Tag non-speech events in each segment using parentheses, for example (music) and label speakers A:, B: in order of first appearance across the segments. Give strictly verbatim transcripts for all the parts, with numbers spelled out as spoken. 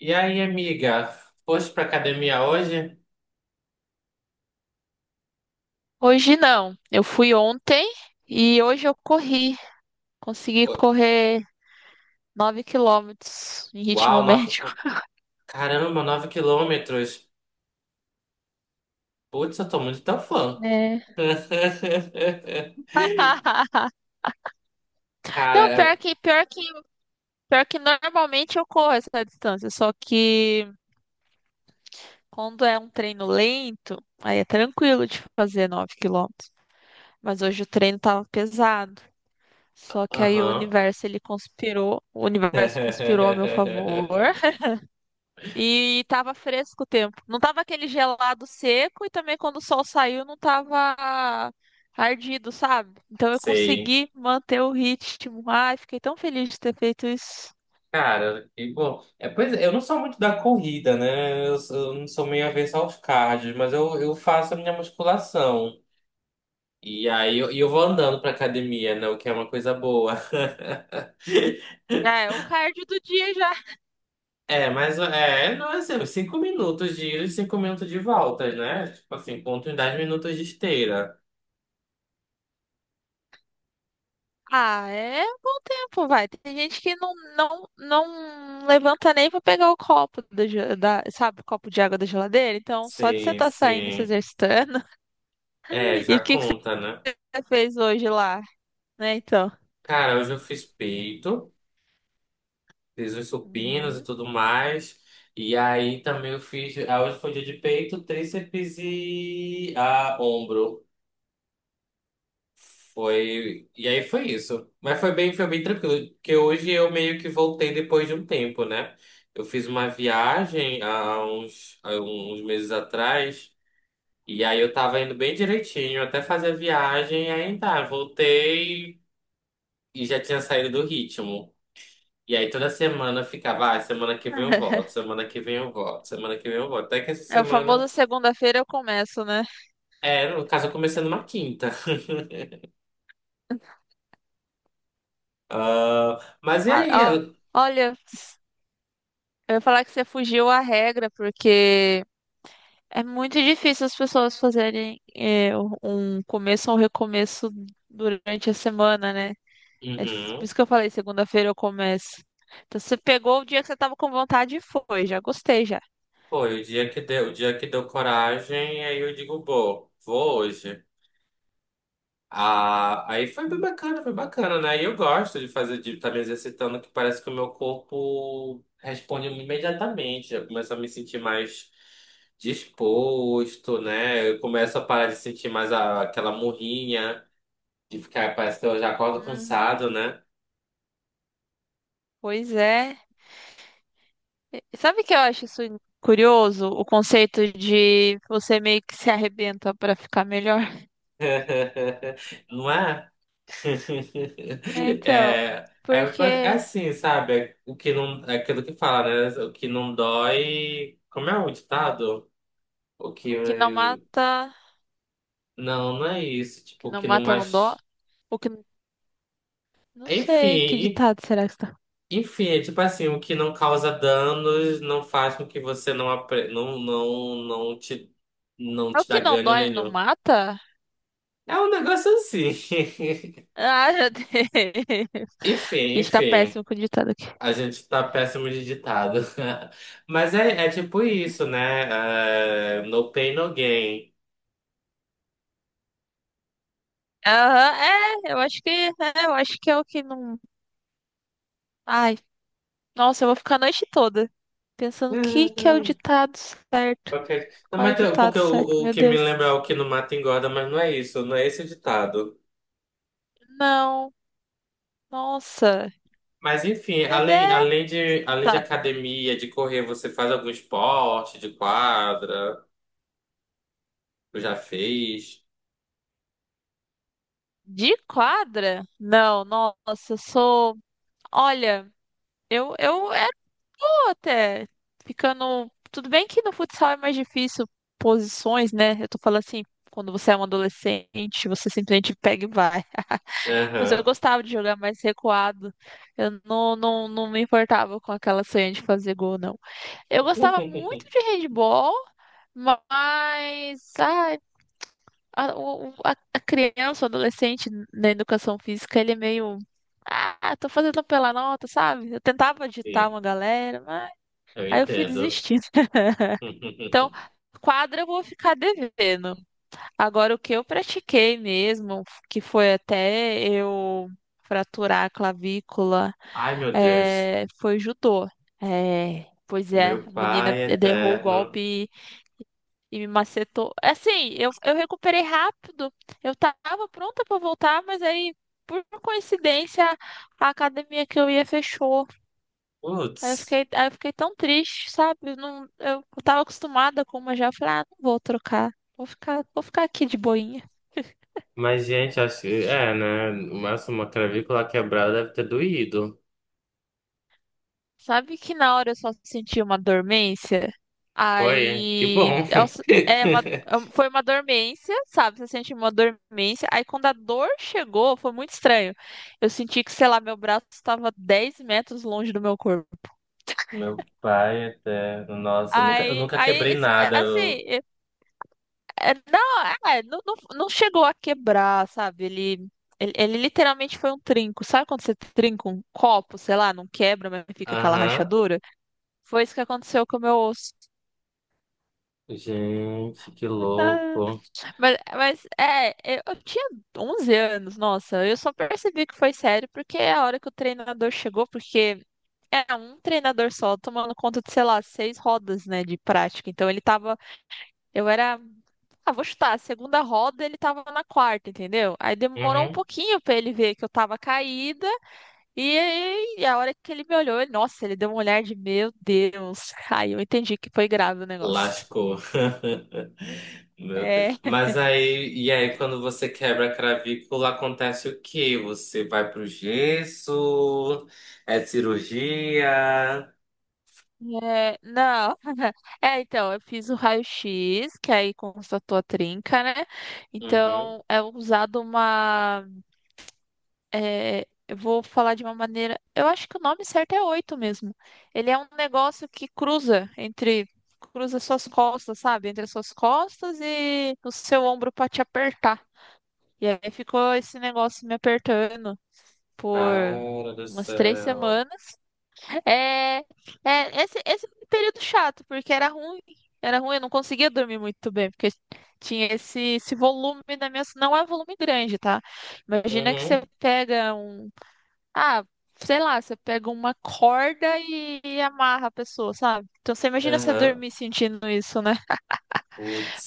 A: E aí, amiga? Foste pra academia hoje?
B: Hoje não. Eu fui ontem e hoje eu corri. Consegui
A: Ô,
B: correr nove quilômetros em
A: uau,
B: ritmo
A: nove...
B: médio.
A: co- caramba, nove quilômetros. Putz, eu tô muito teu fã.
B: É.
A: (laughs)
B: (laughs)
A: Cara,
B: Não,
A: é,
B: pior que, pior que, pior que normalmente eu corro essa distância, só que quando é um treino lento, aí é tranquilo de fazer nove quilômetros. Mas hoje o treino tava pesado. Só que aí o
A: aham.
B: universo ele conspirou, o universo conspirou a meu favor.
A: (laughs)
B: E tava fresco o tempo. Não tava aquele gelado seco e também quando o sol saiu não tava ardido, sabe? Então eu
A: Sei.
B: consegui manter o ritmo. Ai, fiquei tão feliz de ter feito isso.
A: Cara, que bom. É, pois é, eu não sou muito da corrida, né? Eu, sou- eu não sou meio avesso aos cardio, mas eu, eu faço a minha musculação. E aí eu, e eu vou andando pra academia, né? O que é uma coisa boa. (laughs)
B: Já é o cardio do dia já.
A: É, mas é, não é assim, cinco minutos de ida e cinco minutos de volta, né? Tipo assim, conta uns dez minutos de esteira.
B: Ah, é bom tempo, vai. Tem gente que não, não, não levanta nem pra pegar o copo da, ge- da, sabe, o copo de água da geladeira. Então, só de você
A: Sim,
B: estar saindo e se
A: sim.
B: exercitando.
A: É,
B: (laughs) E o
A: já
B: que que você
A: conta, né?
B: fez hoje lá, né? Então.
A: Cara, hoje eu fiz peito, fiz os supinos e
B: Uhum.
A: tudo mais. E aí também eu fiz. ah, Hoje foi dia de peito, tríceps e ah, ombro. Foi. E aí foi isso. Mas foi bem, foi bem tranquilo. Porque hoje eu meio que voltei depois de um tempo, né? Eu fiz uma viagem há uns, há uns meses atrás. E aí eu tava indo bem direitinho até fazer a viagem. E aí tá, voltei e já tinha saído do ritmo. E aí toda semana eu ficava, ah, semana que vem eu volto,
B: (laughs)
A: semana que vem eu volto, semana que vem eu volto. Até que essa
B: É o famoso
A: semana.
B: segunda-feira eu começo, né?
A: É, no caso eu comecei numa quinta. (laughs) Ah, mas e
B: Ah,
A: aí?
B: ó, olha, eu ia falar que você fugiu à regra, porque é muito difícil as pessoas fazerem eh, um começo ou um recomeço durante a semana, né? É por
A: Uhum.
B: isso que eu falei, segunda-feira eu começo. Então você pegou o dia que você tava com vontade e foi, já gostei já.
A: Foi, o dia que deu, o dia que deu coragem, aí eu digo, bom, vou hoje. Ah, aí foi bem bacana, foi bacana, né? E eu gosto de fazer, de estar me exercitando, que parece que o meu corpo responde imediatamente. Eu começo a me sentir mais disposto, né? Eu começo a parar de sentir mais a- aquela murrinha, de ficar, parece que eu já acordo
B: Uhum,
A: cansado, né?
B: pois é. E sabe o que eu acho isso curioso? O conceito de você meio que se arrebenta para ficar melhor.
A: (laughs) Não é?
B: É,
A: (laughs)
B: então,
A: É, é, ba- é
B: porque
A: assim, sabe? É O que não, é aquilo que fala, né? O que não dói. Como é o ditado? O
B: o que não
A: que.
B: mata, o
A: Não, não é isso. Tipo,
B: que
A: o
B: não
A: que não
B: mata não dói.
A: mais.
B: O que não sei que
A: Enfim,
B: ditado será que está.
A: enfim, é tipo assim, o que não causa danos não faz com que você não, apre... não, não, não te, não
B: É o
A: te dá
B: que não
A: ganho
B: dói não
A: nenhum.
B: mata?
A: É um negócio assim. (laughs)
B: Ah, já dei. (laughs)
A: Enfim,
B: Está
A: enfim.
B: péssimo com o ditado aqui.
A: A gente tá péssimo de ditado. (laughs) Mas é, é tipo isso, né? Ah, no pain, no gain.
B: Aham, é, eu acho que, é, eu acho que é o que não. Ai, nossa, eu vou ficar a noite toda pensando o que que é o
A: (laughs)
B: ditado certo.
A: Ok. Não,
B: Qual é o
A: mas tem-
B: ditado
A: porque
B: certo?
A: o, o
B: Meu
A: que me
B: Deus.
A: lembra é o que não mata engorda, mas não é isso, não é esse o ditado.
B: Não, nossa.
A: Mas enfim,
B: Meu
A: além,
B: Deus.
A: além de, além de
B: Tá.
A: academia, de correr, você faz algum esporte de quadra? Tu já fez?
B: De quadra? Não, nossa, eu sou. Olha, eu, eu era boa até. Ficando. Tudo bem que no futsal é mais difícil posições, né? Eu tô falando assim, quando você é um adolescente, você simplesmente pega e vai. (laughs) Mas eu
A: Aham.
B: gostava de jogar mais recuado. Eu não, não, não me importava com aquela sonha de fazer gol, não. Eu gostava
A: (laughs)
B: muito de handball, mas. Ah, A, o- o- a- a criança, o adolescente na educação física, ele é meio. Ah, tô fazendo pela nota, sabe? Eu tentava agitar
A: Sim,
B: uma galera, mas
A: eu
B: aí eu fui
A: entendo.
B: desistindo. (laughs) Então,
A: (laughs)
B: quadra eu vou ficar devendo. Agora, o que eu pratiquei mesmo, que foi até eu fraturar a clavícula,
A: Ai, meu Deus.
B: é, foi judô. É, pois é,
A: Meu
B: a menina
A: pai
B: derrou o
A: eterno.
B: golpe e me macetou. É, assim, eu, eu recuperei rápido. Eu tava pronta pra voltar, mas aí, por coincidência, a academia que eu ia fechou. Aí eu
A: Putz.
B: fiquei, aí eu fiquei tão triste, sabe? Eu, não, eu tava acostumada com uma já. Eu falei, ah, não vou trocar. Vou ficar, vou ficar aqui de boinha.
A: Mas, gente, acho que é, né? O uma clavícula quebrada deve ter doído.
B: Sabe que na hora eu só senti uma dormência?
A: Foi, que bom.
B: Aí é, o- é uma- é
A: (laughs)
B: um- foi uma dormência, sabe? Você sente uma dormência. Aí quando a dor chegou, foi muito estranho. Eu senti que, sei lá, meu braço estava dez metros longe do meu corpo.
A: Meu pai eterno, nossa, eu nunca, eu
B: Aí,
A: nunca
B: aí,
A: quebrei
B: isso- é,
A: nada.
B: assim,
A: eu-
B: é- é- não, é, é, não, não, não chegou a quebrar, sabe? Ele, ele, ele literalmente foi um trinco. Sabe quando você trinca um copo, sei lá, não quebra, mas fica aquela
A: Aham.
B: rachadura? Foi isso que aconteceu com o meu osso.
A: Gente, que louco.
B: Mas, mas é, eu, eu tinha onze anos, nossa, eu só percebi que foi sério porque é a hora que o treinador chegou, porque é um treinador só tomando conta de, sei lá, seis rodas, né, de prática. Então ele tava, eu era, ah, vou chutar, a segunda roda ele tava na quarta, entendeu? Aí demorou um
A: Uhum.
B: pouquinho pra ele ver que eu tava caída e, aí a hora que ele me olhou, ele- nossa, ele deu um olhar de meu Deus. Aí eu entendi que foi grave o negócio. (laughs)
A: Lascou. (laughs) Meu
B: É,
A: Deus. Mas aí, e aí, quando você quebra a cravícula acontece o quê? Você vai pro gesso? É cirurgia?
B: é, não. (laughs) É, então, eu fiz o raio-x, que aí constatou a trinca, né?
A: Uhum.
B: Então, é usado uma. É, eu vou falar de uma maneira. Eu acho que o nome certo é oito mesmo. Ele é um negócio que cruza entre. Cruza suas costas, sabe? Entre as suas costas e o seu ombro pra te apertar. E aí ficou esse negócio me apertando por
A: Cara do
B: umas três
A: céu.
B: semanas. É, é esse, esse foi um período chato, porque era ruim. Era ruim, eu não conseguia dormir muito bem, porque tinha esse, esse volume na minha. Não é um volume grande, tá? Imagina que você
A: Uhum,
B: pega um. Ah, sei lá, você pega uma corda e, e amarra a pessoa, sabe? Então você imagina você
A: aham.
B: dormir sentindo isso, né?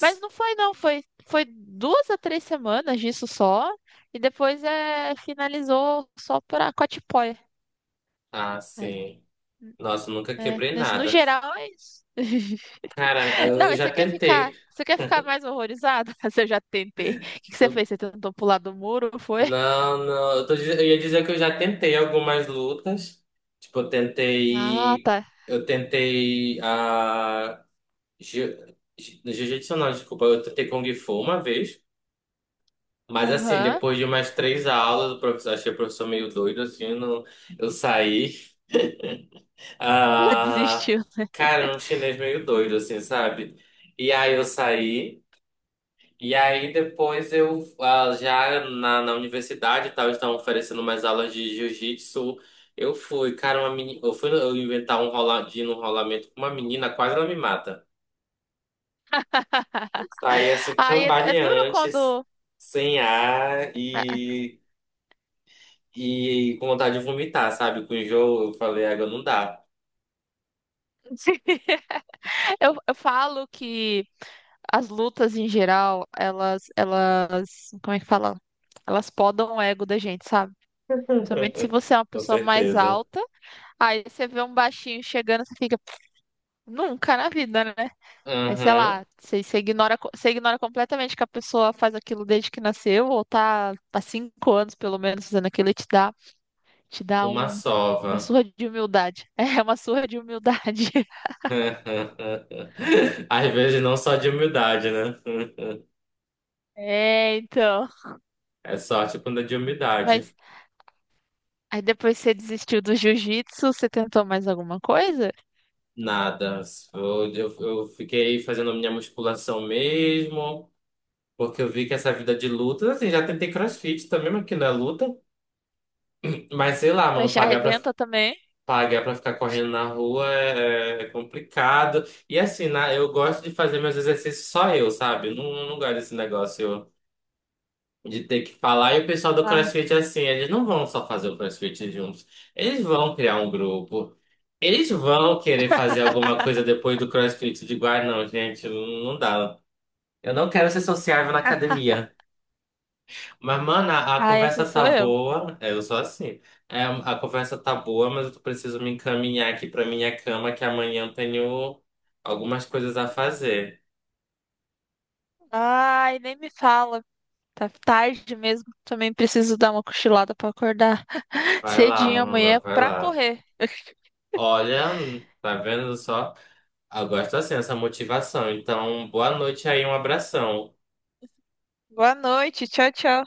B: Mas não foi, não. Foi, foi duas a três semanas disso só. E depois é, finalizou só pra Cotipoia.
A: Ah,
B: Aí,
A: sim. Nossa, nunca
B: né?
A: quebrei
B: Mas no
A: nada.
B: geral é isso. (laughs)
A: Cara,
B: Não,
A: eu
B: mas
A: já
B: você quer ficar,
A: tentei.
B: você quer ficar mais horrorizada? (laughs) Você já tentei. O que que você
A: Eu-
B: fez? Você tentou pular do muro, foi?
A: Não, não. Eu, tô diz- eu ia dizer que eu já tentei algumas lutas. Tipo, eu
B: Ah,
A: tentei.
B: tá.
A: Eu tentei. Ah, jiu- jiu- jiu-jitsu não, desculpa. Eu tentei Kung Fu uma vez. Mas assim,
B: Aham.
A: depois de umas três aulas, o professor, achei o professor meio doido, assim, não, eu saí.
B: (laughs)
A: Ah,
B: Desistiu.
A: cara, era um chinês meio doido, assim, sabe? E aí eu saí, e aí depois eu ah, já na, na, universidade e tal, estavam oferecendo umas aulas de jiu-jitsu. Eu fui, cara, uma meni... eu fui eu inventar um roladinho, um rolamento com uma menina, quase ela me mata. Saí assim,
B: Aí é, é duro
A: cambaleante,
B: quando
A: sem ar
B: (laughs)
A: e, e com vontade de vomitar, sabe? Com enjoo, eu falei, água não dá.
B: eu, eu falo que as lutas em geral, elas, elas, como é que fala? Elas podam o ego da gente, sabe? Principalmente se você
A: (laughs)
B: é uma
A: Com
B: pessoa mais
A: certeza.
B: alta, aí você vê um baixinho chegando, você fica, nunca na vida, né? Aí, sei
A: Uhum.
B: lá, você, você ignora, co- você ignora completamente que a pessoa faz aquilo desde que nasceu, ou tá há cinco anos, pelo menos, fazendo aquilo e te dá, te dá
A: Uma
B: um, uma
A: sova.
B: surra de humildade. (laughs) É, uma surra de humildade. (laughs)
A: (laughs) Às vezes não só de humildade, né?
B: É, então.
A: É sorte quando é de humildade.
B: Mas aí depois você desistiu do jiu-jitsu, você tentou mais alguma coisa?
A: Nada. Eu, eu, eu fiquei fazendo minha musculação mesmo, porque eu vi que essa vida de luta, assim, já tentei CrossFit também, mas que não é luta. Mas sei lá,
B: Mas
A: mano,
B: já
A: pagar pra,
B: arrebenta também.
A: pagar pra ficar correndo na rua é, é complicado. E assim, na, eu gosto de fazer meus exercícios só eu, sabe? Não, não gosto desse negócio. De ter que falar, e o pessoal do
B: Ah,
A: CrossFit, é assim, eles não vão só fazer o CrossFit juntos. Eles vão criar um grupo. Eles vão querer fazer alguma
B: (laughs)
A: coisa depois do CrossFit. De ah, não, gente, não dá. Eu não quero ser sociável na academia. Mas, mano, a, a
B: ah, essa
A: conversa tá
B: sou eu.
A: boa. É, eu sou assim. É, a conversa tá boa, mas eu preciso me encaminhar aqui pra minha cama, que amanhã eu tenho algumas coisas a fazer.
B: Ai, nem me fala. Tá tarde mesmo. Também preciso dar uma cochilada pra acordar (laughs)
A: Vai lá,
B: cedinho amanhã
A: mano, vai
B: pra
A: lá.
B: correr.
A: Olha, tá vendo só? Eu gosto assim, essa motivação. Então, boa noite aí, um abração.
B: Boa noite, tchau, tchau.